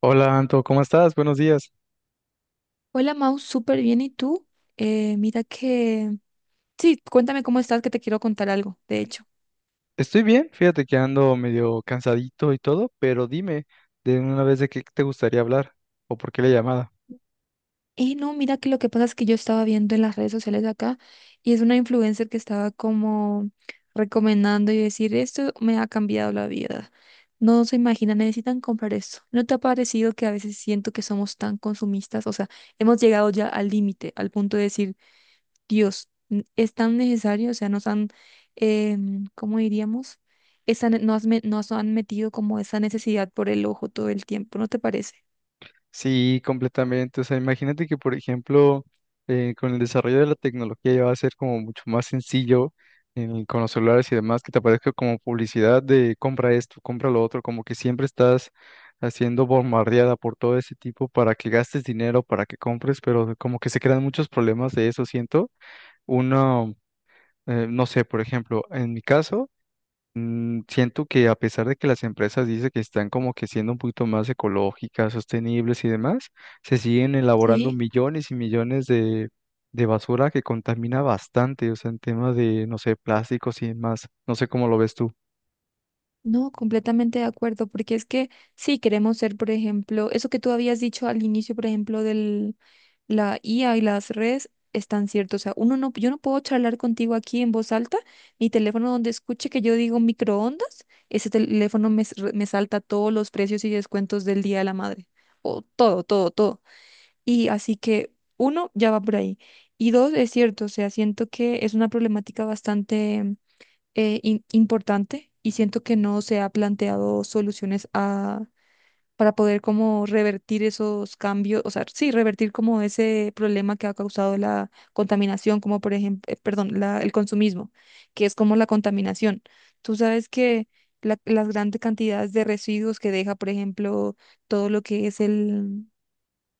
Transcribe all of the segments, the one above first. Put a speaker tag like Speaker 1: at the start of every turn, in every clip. Speaker 1: Hola Anto, ¿cómo estás? Buenos días.
Speaker 2: Hola Mau, súper bien. ¿Y tú? Mira que... Sí, cuéntame cómo estás, que te quiero contar algo, de hecho.
Speaker 1: Estoy bien, fíjate que ando medio cansadito y todo, pero dime de una vez de qué te gustaría hablar o por qué la llamada.
Speaker 2: Y no, mira que lo que pasa es que yo estaba viendo en las redes sociales acá y es una influencer que estaba como recomendando y decir, esto me ha cambiado la vida. No se imagina, necesitan comprar esto. ¿No te ha parecido que a veces siento que somos tan consumistas? O sea, hemos llegado ya al límite, al punto de decir... Dios, es tan necesario, o sea, nos han, ¿cómo diríamos? Esa, ne- nos, me- nos han metido como esa necesidad por el ojo todo el tiempo, ¿no te parece?
Speaker 1: Sí, completamente. O sea, imagínate que, por ejemplo, con el desarrollo de la tecnología ya va a ser como mucho más sencillo con los celulares y demás, que te aparezca como publicidad de compra esto, compra lo otro, como que siempre estás haciendo bombardeada por todo ese tipo para que gastes dinero, para que compres, pero como que se crean muchos problemas de eso, siento. Uno. No sé, por ejemplo, en mi caso, siento que a pesar de que las empresas dicen que están como que siendo un poquito más ecológicas, sostenibles y demás, se siguen elaborando
Speaker 2: Sí,
Speaker 1: millones y millones de basura que contamina bastante, o sea, en temas de, no sé, plásticos y demás. No sé cómo lo ves tú.
Speaker 2: no, completamente de acuerdo, porque es que sí queremos ser, por ejemplo, eso que tú habías dicho al inicio, por ejemplo, del, la IA y las redes están ciertas. O sea, uno no, yo no puedo charlar contigo aquí en voz alta. Mi teléfono donde escuche que yo digo microondas, ese teléfono me salta todos los precios y descuentos del Día de la Madre. O todo, todo, todo. Y así que uno ya va por ahí. Y dos, es cierto, o sea, siento que es una problemática bastante importante y siento que no se ha planteado soluciones para poder como revertir esos cambios, o sea, sí, revertir como ese problema que ha causado la contaminación, como por ejemplo, perdón, el consumismo, que es como la contaminación. Tú sabes que las grandes cantidades de residuos que deja, por ejemplo, todo lo que es el,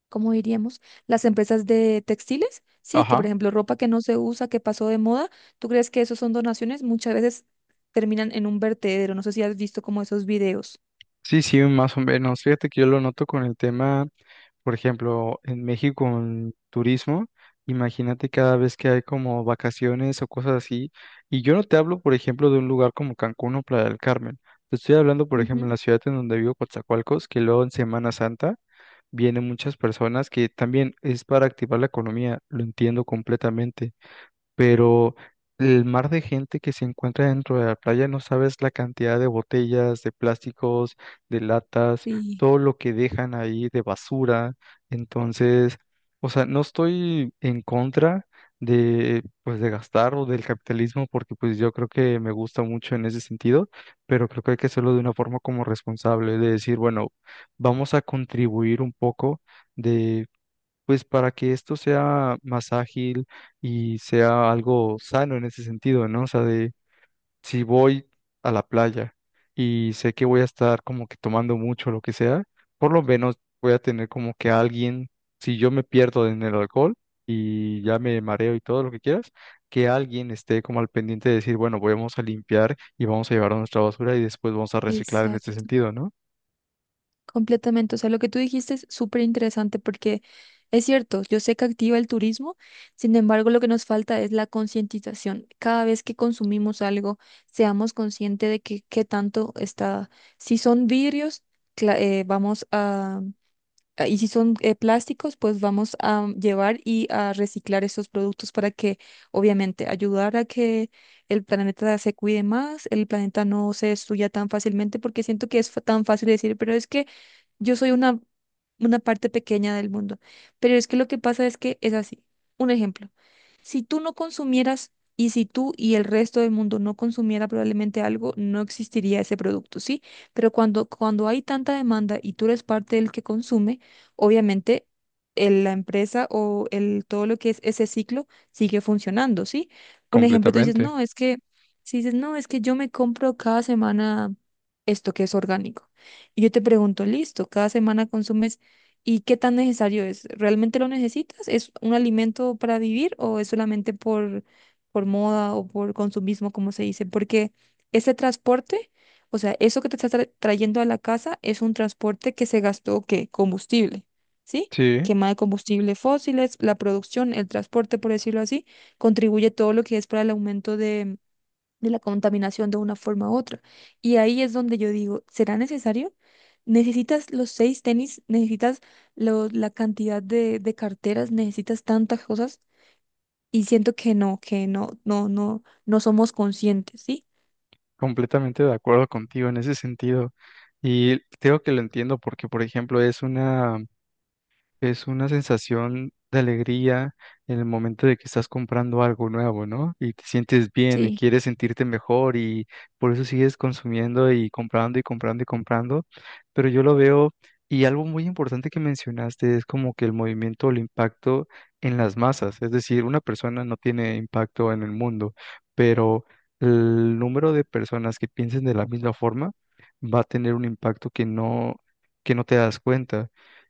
Speaker 2: ¿cómo diríamos? Las empresas de textiles, sí, que por
Speaker 1: Ajá.
Speaker 2: ejemplo, ropa que no se usa, que pasó de moda, ¿tú crees que eso son donaciones? Muchas veces terminan en un vertedero. No sé si has visto como esos videos.
Speaker 1: Sí, sí, más o menos. Fíjate que yo lo noto con el tema. Por ejemplo, en México en turismo, imagínate cada vez que hay como vacaciones o cosas así, y yo no te hablo, por ejemplo, de un lugar como Cancún o Playa del Carmen, te estoy hablando, por ejemplo, en
Speaker 2: Ujú.
Speaker 1: la ciudad en donde vivo, Coatzacoalcos, que luego en Semana Santa vienen muchas personas que también es para activar la economía, lo entiendo completamente, pero el mar de gente que se encuentra dentro de la playa, no sabes la cantidad de botellas, de plásticos, de latas,
Speaker 2: Sí,
Speaker 1: todo lo que dejan ahí de basura. Entonces, o sea, no estoy en contra de pues de gastar o del capitalismo porque pues yo creo que me gusta mucho en ese sentido, pero creo que hay que hacerlo de una forma como responsable, de decir, bueno, vamos a contribuir un poco de pues para que esto sea más ágil y sea algo sano en ese sentido, ¿no? O sea, de si voy a la playa y sé que voy a estar como que tomando mucho, lo que sea, por lo menos voy a tener como que alguien, si yo me pierdo en el alcohol y ya me mareo y todo lo que quieras, que alguien esté como al pendiente de decir, bueno, vamos a limpiar y vamos a llevar nuestra basura y después vamos a reciclar en este
Speaker 2: exacto.
Speaker 1: sentido, ¿no?
Speaker 2: Completamente, o sea, lo que tú dijiste es súper interesante porque es cierto, yo sé que activa el turismo, sin embargo, lo que nos falta es la concientización. Cada vez que consumimos algo, seamos conscientes de que qué tanto está. Si son vidrios, cla- eh, vamos a, y si son plásticos, pues vamos a llevar y a reciclar esos productos para que, obviamente, ayudar a que el planeta se cuide más, el planeta no se destruya tan fácilmente, porque siento que es tan fácil decir, pero es que yo soy una parte pequeña del mundo. Pero es que lo que pasa es que es así. Un ejemplo, si tú no consumieras y si tú y el resto del mundo no consumiera probablemente algo, no existiría ese producto, ¿sí? Pero cuando hay tanta demanda y tú eres parte del que consume, obviamente la empresa o el, todo lo que es ese ciclo sigue funcionando, ¿sí? Un ejemplo, tú dices,
Speaker 1: Completamente.
Speaker 2: no, es que, si dices, no, es que yo me compro cada semana esto que es orgánico. Y yo te pregunto, listo, cada semana consumes. ¿Y qué tan necesario es? ¿Realmente lo necesitas? ¿Es un alimento para vivir o es solamente por, moda o por consumismo, como se dice? Porque ese transporte, o sea, eso que te estás trayendo a la casa es un transporte que se gastó, ¿qué? Combustible, ¿sí?
Speaker 1: Sí.
Speaker 2: Quema de combustible fósiles, la producción, el transporte, por decirlo así, contribuye todo lo que es para el aumento de la contaminación de una forma u otra. Y ahí es donde yo digo, ¿será necesario? ¿Necesitas los seis tenis? ¿Necesitas la cantidad de carteras? ¿Necesitas tantas cosas? Y siento que no, no, no, no somos conscientes, ¿sí?
Speaker 1: Completamente de acuerdo contigo en ese sentido. Y creo que lo entiendo porque, por ejemplo, es una sensación de alegría en el momento de que estás comprando algo nuevo, ¿no? Y te sientes bien y
Speaker 2: Sí,
Speaker 1: quieres sentirte mejor y por eso sigues consumiendo y comprando y comprando y comprando. Pero yo lo veo y algo muy importante que mencionaste es como que el movimiento o el impacto en las masas. Es decir, una persona no tiene impacto en el mundo, pero el número de personas que piensen de la misma forma va a tener un impacto que no te das cuenta.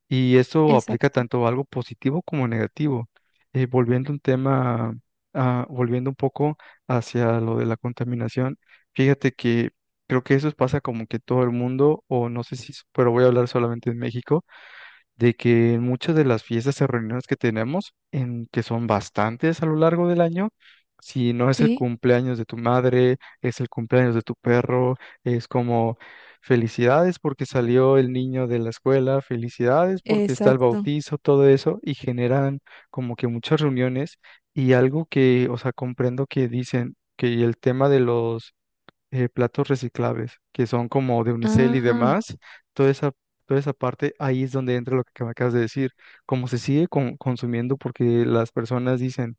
Speaker 1: Y eso aplica
Speaker 2: exacto.
Speaker 1: tanto a algo positivo como negativo. Eh, volviendo un tema, Volviendo un poco hacia lo de la contaminación, fíjate que creo que eso pasa como que todo el mundo, o no sé si, pero voy a hablar solamente en México de que en muchas de las fiestas y reuniones que tenemos, en que son bastantes a lo largo del año, si no es el
Speaker 2: Sí,
Speaker 1: cumpleaños de tu madre, es el cumpleaños de tu perro, es como felicidades porque salió el niño de la escuela, felicidades porque está el
Speaker 2: exacto.
Speaker 1: bautizo, todo eso, y generan como que muchas reuniones y algo que, o sea, comprendo que dicen que el tema de los platos reciclables, que son como de unicel y
Speaker 2: Ah,
Speaker 1: demás, toda esa, toda esa parte, ahí es donde entra lo que me acabas de decir, como se sigue consumiendo porque las personas dicen,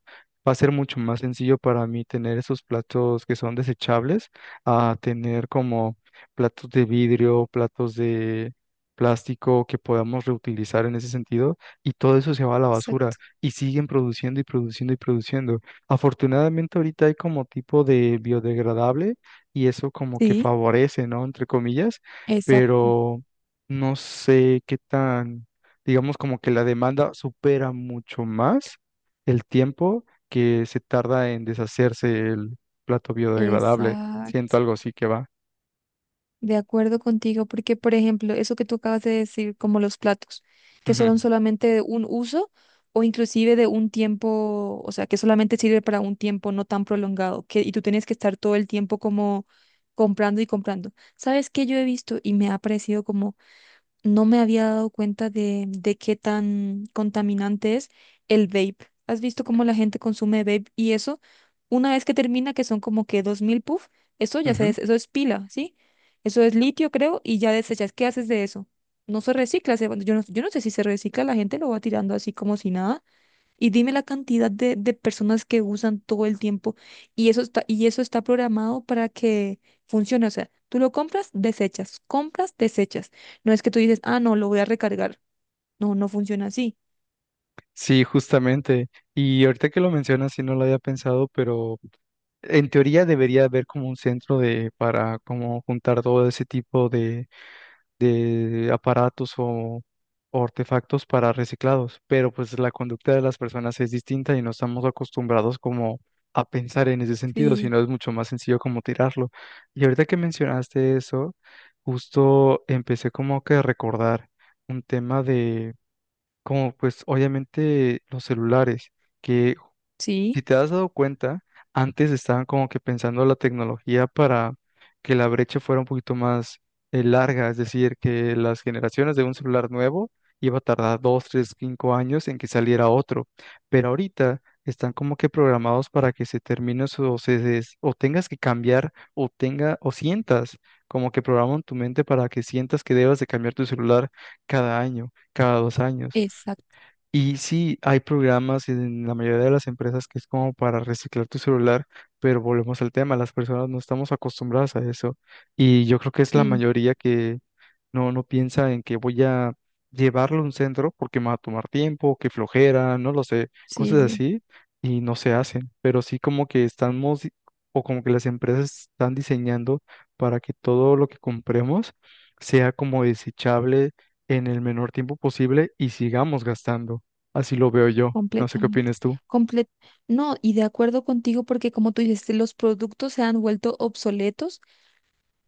Speaker 1: va a ser mucho más sencillo para mí tener esos platos que son desechables a tener como platos de vidrio, platos de plástico que podamos reutilizar en ese sentido y todo eso se va a la basura
Speaker 2: exacto.
Speaker 1: y siguen produciendo y produciendo y produciendo. Afortunadamente ahorita hay como tipo de biodegradable y eso como que
Speaker 2: Sí.
Speaker 1: favorece, ¿no? Entre comillas,
Speaker 2: Exacto.
Speaker 1: pero no sé qué tan, digamos como que la demanda supera mucho más el tiempo que se tarda en deshacerse el plato biodegradable. Siento
Speaker 2: Exacto.
Speaker 1: algo así que va.
Speaker 2: De acuerdo contigo, porque por ejemplo, eso que tú acabas de decir, como los platos, que son solamente de un uso o inclusive de un tiempo, o sea, que solamente sirve para un tiempo no tan prolongado, que, y tú tienes que estar todo el tiempo como comprando y comprando. ¿Sabes qué? Yo he visto y me ha parecido como no me había dado cuenta de qué tan contaminante es el vape. ¿Has visto cómo la gente consume vape y eso? Una vez que termina, que son como que 2.000 puff, eso ya
Speaker 1: Ujú,
Speaker 2: se
Speaker 1: ujú.
Speaker 2: des- eso es pila, ¿sí? Eso es litio, creo, y ya desechas. ¿Qué haces de eso? No se recicla, se yo no, yo no sé si se recicla, la gente lo va tirando así como si nada. Y dime la cantidad de personas que usan todo el tiempo y eso está programado para que funcione. O sea, tú lo compras, desechas, compras, desechas. No es que tú dices, ah, no, lo voy a recargar. No, no funciona así.
Speaker 1: Sí, justamente. Y ahorita que lo mencionas, sí no lo había pensado, pero en teoría debería haber como un centro de para como juntar todo ese tipo de aparatos o artefactos para reciclados, pero pues la conducta de las personas es distinta y no estamos acostumbrados como a pensar en ese sentido,
Speaker 2: Sí,
Speaker 1: sino es mucho más sencillo como tirarlo. Y ahorita que mencionaste eso, justo empecé como que a recordar un tema de, como pues obviamente los celulares. Que
Speaker 2: sí,
Speaker 1: si te has dado cuenta, antes estaban como que pensando la tecnología para que la brecha fuera un poquito más larga, es decir, que las generaciones de un celular nuevo iba a tardar 2, 3, 5 años en que saliera otro, pero ahorita están como que programados para que se termine o o tengas que cambiar o tenga o sientas como que programan tu mente para que sientas que debas de cambiar tu celular cada año, cada 2 años.
Speaker 2: exacto.
Speaker 1: Y sí, hay programas en la mayoría de las empresas que es como para reciclar tu celular, pero volvemos al tema, las personas no estamos acostumbradas a eso. Y yo creo que es la
Speaker 2: Sí,
Speaker 1: mayoría que no, no piensa en que voy a llevarlo a un centro porque me va a tomar tiempo, que flojera, no lo sé,
Speaker 2: sí,
Speaker 1: cosas
Speaker 2: sí,
Speaker 1: así, y no se hacen. Pero sí como que estamos, o como que las empresas están diseñando para que todo lo que compremos sea como desechable en el menor tiempo posible y sigamos gastando. Así lo veo yo. No sé qué
Speaker 2: completamente.
Speaker 1: opinas tú.
Speaker 2: Comple- no, y de acuerdo contigo porque como tú dices, los productos se han vuelto obsoletos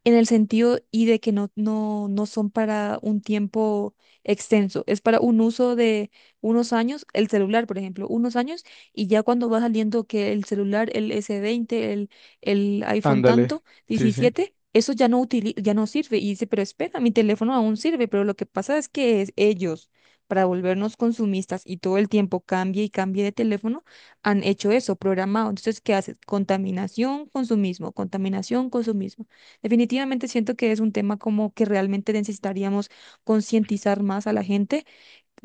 Speaker 2: en el sentido y de que no, no, no son para un tiempo extenso, es para un uso de unos años, el celular, por ejemplo, unos años, y ya cuando va saliendo que el celular, el S20 el iPhone
Speaker 1: Ándale.
Speaker 2: tanto,
Speaker 1: Sí, sí.
Speaker 2: 17 eso ya no sirve. Y dice, pero espera, mi teléfono aún sirve, pero lo que pasa es que es ellos, para volvernos consumistas y todo el tiempo cambie y cambie de teléfono, han hecho eso, programado. Entonces, ¿qué hace? Contaminación, consumismo, contaminación, consumismo. Definitivamente siento que es un tema como que realmente necesitaríamos concientizar más a la gente,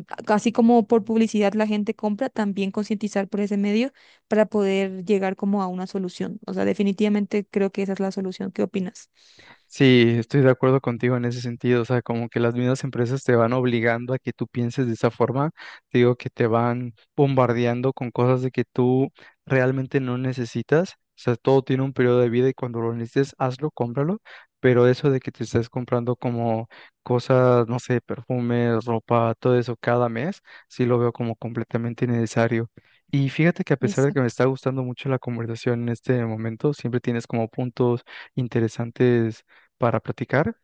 Speaker 2: así como por publicidad la gente compra, también concientizar por ese medio para poder llegar como a una solución. O sea, definitivamente creo que esa es la solución. ¿Qué opinas?
Speaker 1: Sí, estoy de acuerdo contigo en ese sentido, o sea, como que las mismas empresas te van obligando a que tú pienses de esa forma, te digo que te van bombardeando con cosas de que tú realmente no necesitas, o sea, todo tiene un periodo de vida y cuando lo necesites, hazlo, cómpralo, pero eso de que te estés comprando como cosas, no sé, perfumes, ropa, todo eso cada mes, sí lo veo como completamente innecesario. Y fíjate que a pesar de que me
Speaker 2: Exacto.
Speaker 1: está gustando mucho la conversación en este momento, siempre tienes como puntos interesantes para platicar.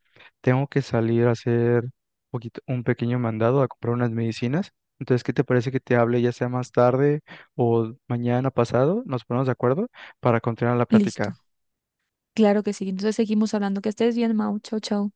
Speaker 1: Tengo que salir a hacer un pequeño mandado a comprar unas medicinas. Entonces, ¿qué te parece que te hable ya sea más tarde o mañana pasado? Nos ponemos de acuerdo para continuar la
Speaker 2: Listo.
Speaker 1: plática.
Speaker 2: Claro que sí. Entonces seguimos hablando. Que estés bien, Mau. Chau, chau.